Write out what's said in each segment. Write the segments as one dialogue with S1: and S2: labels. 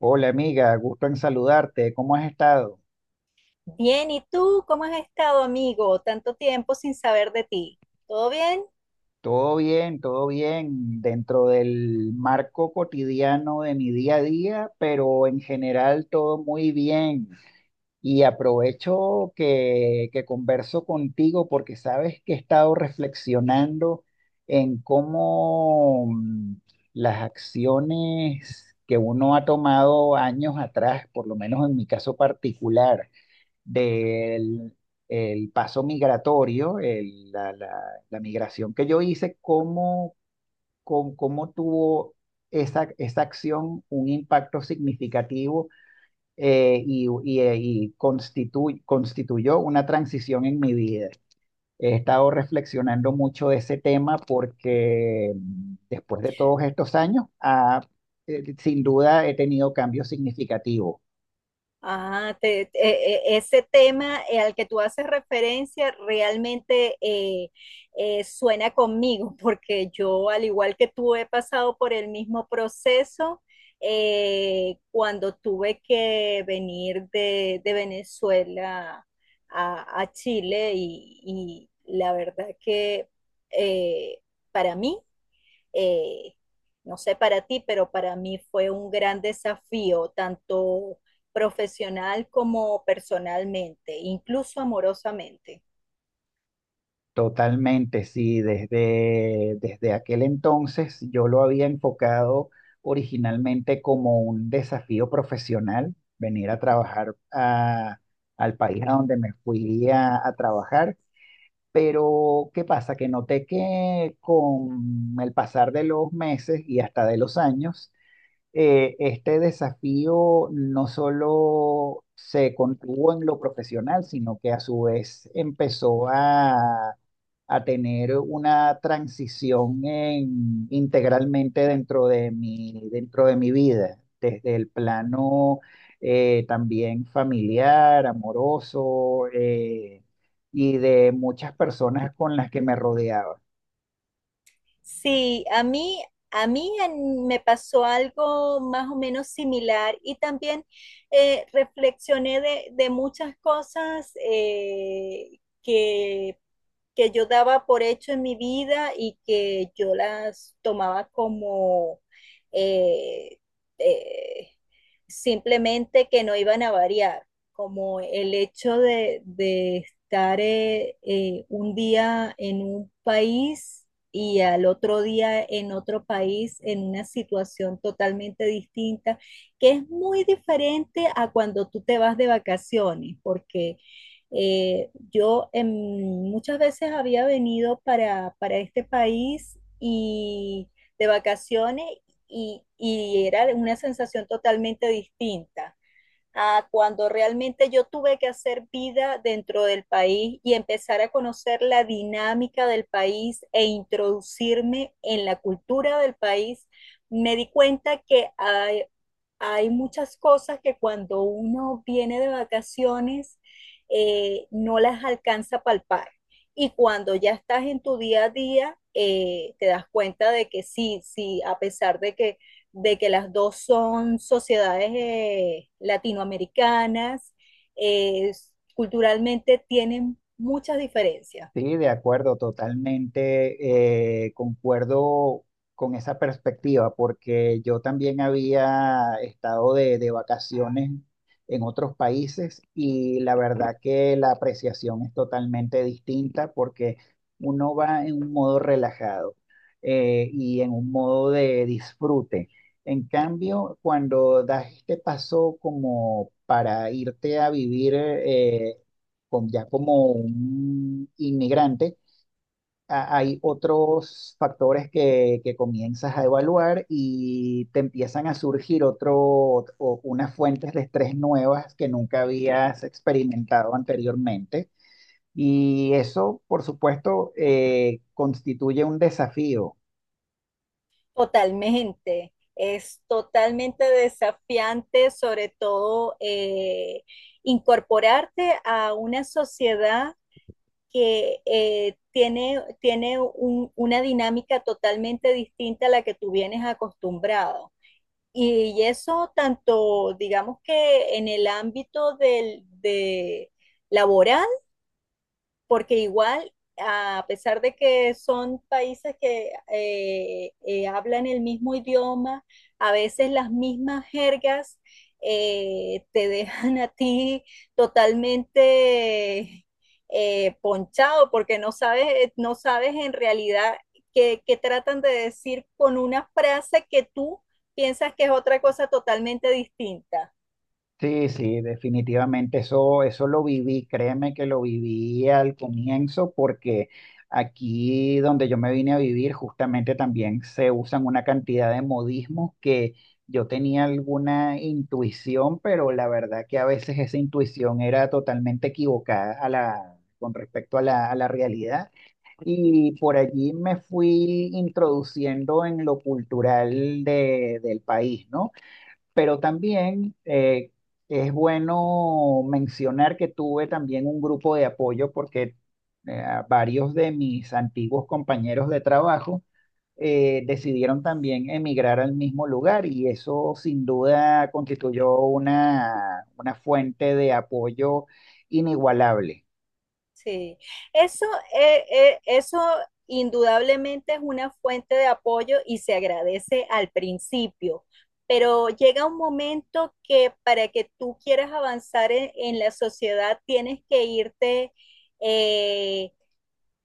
S1: Hola amiga, gusto en saludarte. ¿Cómo has estado?
S2: Bien, ¿y tú cómo has estado, amigo? Tanto tiempo sin saber de ti. ¿Todo bien?
S1: Todo bien, dentro del marco cotidiano de mi día a día, pero en general todo muy bien. Y aprovecho que converso contigo porque sabes que he estado reflexionando en cómo las acciones que uno ha tomado años atrás, por lo menos en mi caso particular, del el paso migratorio, la migración que yo hice, cómo, cómo tuvo esa acción un impacto significativo, y constituyó una transición en mi vida. He estado reflexionando mucho de ese tema porque después de todos estos años, sin duda he tenido cambios significativos.
S2: Ese tema al que tú haces referencia realmente suena conmigo, porque yo, al igual que tú, he pasado por el mismo proceso, cuando tuve que venir de Venezuela a Chile y la verdad que, eh, para mí, eh, no sé para ti, pero para mí fue un gran desafío, tanto profesional como personalmente, incluso amorosamente.
S1: Totalmente, sí, desde aquel entonces yo lo había enfocado originalmente como un desafío profesional, venir a trabajar al país a donde me fui a trabajar, pero ¿qué pasa? Que noté que con el pasar de los meses y hasta de los años, este desafío no solo se contuvo en lo profesional, sino que a su vez a tener una transición integralmente dentro de mi vida, desde el plano también familiar, amoroso, y de muchas personas con las que me rodeaba.
S2: Sí, a mí me pasó algo más o menos similar y también, reflexioné de muchas cosas que yo daba por hecho en mi vida y que yo las tomaba como, eh, eh, simplemente que no iban a variar, como el hecho de estar, un día en un país y al otro día en otro país, en una situación totalmente distinta, que es muy diferente a cuando tú te vas de vacaciones, porque yo, muchas veces había venido para este país y de vacaciones, y era una sensación totalmente distinta a cuando realmente yo tuve que hacer vida dentro del país y empezar a conocer la dinámica del país e introducirme en la cultura del país. Me di cuenta que hay muchas cosas que cuando uno viene de vacaciones no las alcanza a palpar. Y cuando ya estás en tu día a día, te das cuenta de que sí, sí, a pesar de de que las dos son sociedades latinoamericanas, eh, culturalmente tienen muchas diferencias.
S1: Sí, de acuerdo, totalmente, concuerdo con esa perspectiva, porque yo también había estado de vacaciones en otros países y la verdad que la apreciación es totalmente distinta porque uno va en un modo relajado, y en un modo de disfrute. En cambio, cuando das este paso como para irte a vivir, ya como un inmigrante, hay otros factores que comienzas a evaluar y te empiezan a surgir otro, o unas fuentes de estrés nuevas que nunca habías experimentado anteriormente. Y eso, por supuesto, constituye un desafío.
S2: Totalmente, es totalmente desafiante, sobre todo incorporarte a una sociedad que tiene una dinámica totalmente distinta a la que tú vienes acostumbrado. Y eso tanto, digamos que en el ámbito de laboral, porque igual, a pesar de que son países que hablan el mismo idioma, a veces las mismas jergas te dejan a ti totalmente ponchado, porque no sabes, no sabes en realidad qué tratan de decir con una frase que tú piensas que es otra cosa totalmente distinta.
S1: Sí, sí, definitivamente eso lo viví, créeme que lo viví al comienzo porque aquí donde yo me vine a vivir justamente también se usan una cantidad de modismos que yo tenía alguna intuición, pero la verdad que a veces esa intuición era totalmente equivocada con respecto a a la realidad y por allí me fui introduciendo en lo cultural del país, ¿no? Pero también es bueno mencionar que tuve también un grupo de apoyo porque eh, varios de mis antiguos compañeros de trabajo decidieron también emigrar al mismo lugar y eso sin duda constituyó una fuente de apoyo inigualable.
S2: Sí, eso, eso indudablemente es una fuente de apoyo y se agradece al principio, pero llega un momento que para que tú quieras avanzar en la sociedad tienes que irte, eh,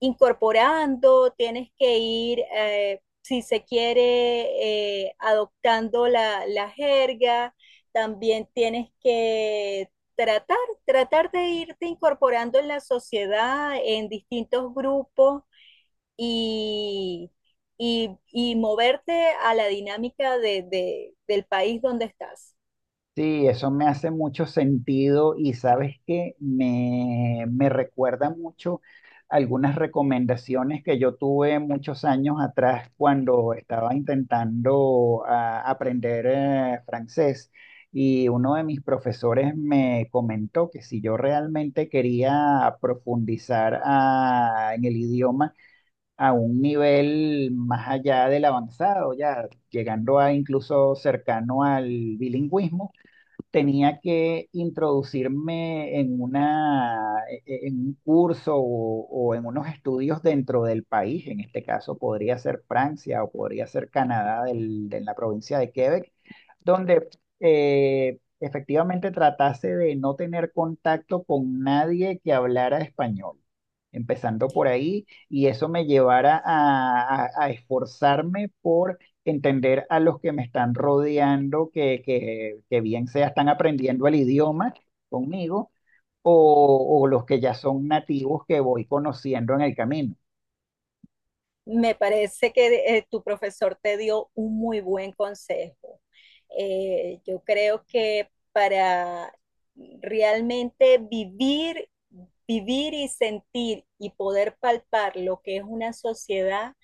S2: incorporando, tienes que ir, si se quiere, adoptando la jerga, también tienes que tratar, tratar de irte incorporando en la sociedad, en distintos grupos y, y moverte a la dinámica del país donde estás.
S1: Sí, eso me hace mucho sentido y sabes que me recuerda mucho algunas recomendaciones que yo tuve muchos años atrás cuando estaba intentando aprender francés y uno de mis profesores me comentó que si yo realmente quería profundizar en el idioma a un nivel más allá del avanzado, ya llegando a incluso cercano al bilingüismo, tenía que introducirme en una, en un curso o en unos estudios dentro del país. En este caso podría ser Francia o podría ser Canadá de la provincia de Quebec donde efectivamente tratase de no tener contacto con nadie que hablara español, empezando por ahí, y eso me llevara a esforzarme por entender a los que me están rodeando, que bien sea están aprendiendo el idioma conmigo, o los que ya son nativos que voy conociendo en el camino.
S2: Me parece que tu profesor te dio un muy buen consejo. Yo creo que para realmente vivir y sentir y poder palpar lo que es una sociedad,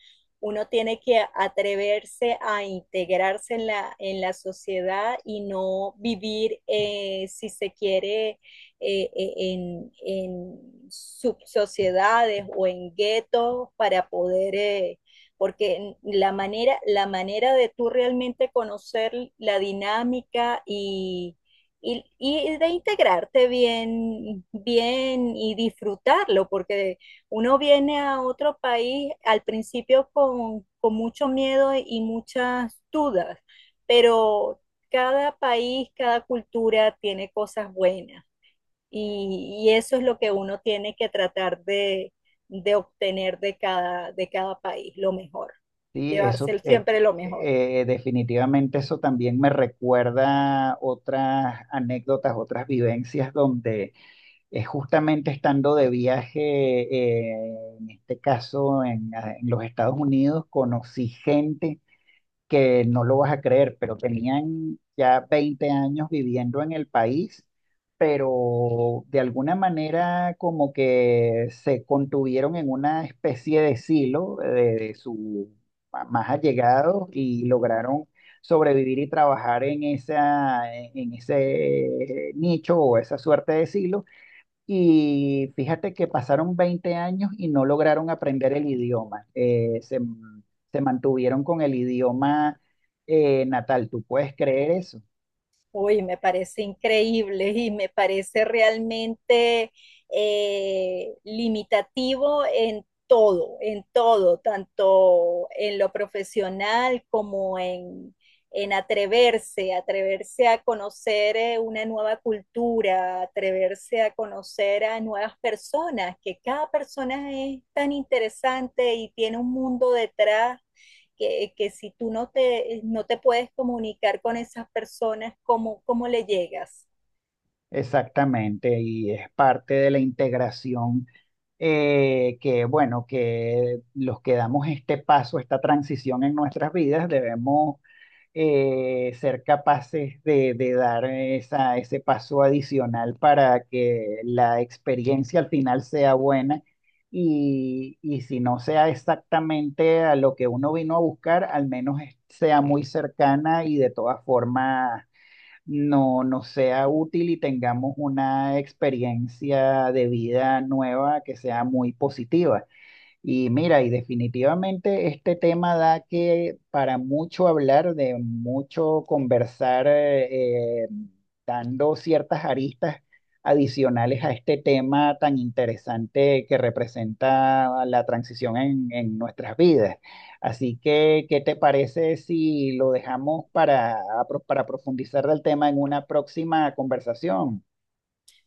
S2: uno tiene que atreverse a integrarse en la sociedad y no vivir, si se quiere, en subsociedades o en guetos, para poder, porque la manera de tú realmente conocer la dinámica y de integrarte bien, bien y disfrutarlo, porque uno viene a otro país al principio con mucho miedo y muchas dudas, pero cada país, cada cultura tiene cosas buenas. Y eso es lo que uno tiene que tratar de obtener de cada país, lo mejor,
S1: Sí, eso,
S2: llevarse siempre lo mejor.
S1: definitivamente eso también me recuerda otras anécdotas, otras vivencias donde justamente estando de viaje, en este caso en los Estados Unidos, conocí gente que no lo vas a creer, pero tenían ya 20 años viviendo en el país, pero de alguna manera como que se contuvieron en una especie de silo de sus más allegados y lograron sobrevivir y trabajar en esa, en ese nicho o esa suerte de silo y fíjate que pasaron 20 años y no lograron aprender el idioma. Se mantuvieron con el idioma natal. ¿Tú puedes creer eso?
S2: Uy, me parece increíble y me parece realmente limitativo en todo, tanto en lo profesional como en atreverse, atreverse a conocer una nueva cultura, atreverse a conocer a nuevas personas, que cada persona es tan interesante y tiene un mundo detrás que, si tú no te, no te puedes comunicar con esas personas, ¿cómo, cómo le llegas?
S1: Exactamente. Y es parte de la integración, que, bueno, que los que damos este paso, esta transición en nuestras vidas, debemos ser capaces de dar esa, ese paso adicional para que la experiencia al final sea buena y si no sea exactamente a lo que uno vino a buscar, al menos sea muy cercana y de todas formas no sea útil y tengamos una experiencia de vida nueva que sea muy positiva. Y mira, y definitivamente este tema da que para mucho hablar, de mucho conversar, dando ciertas aristas adicionales a este tema tan interesante que representa la transición en nuestras vidas. Así que, ¿qué te parece si lo dejamos para profundizar del tema en una próxima conversación?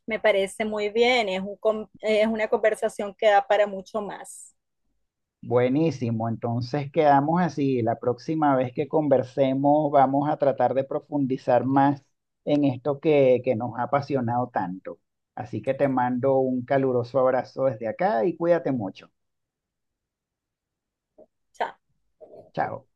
S2: Me parece muy bien, es, un, es una conversación que da para mucho más.
S1: Buenísimo, entonces quedamos así. La próxima vez que conversemos vamos a tratar de profundizar más en esto que nos ha apasionado tanto. Así que te mando un caluroso abrazo desde acá y cuídate mucho.
S2: Chao.
S1: Chao.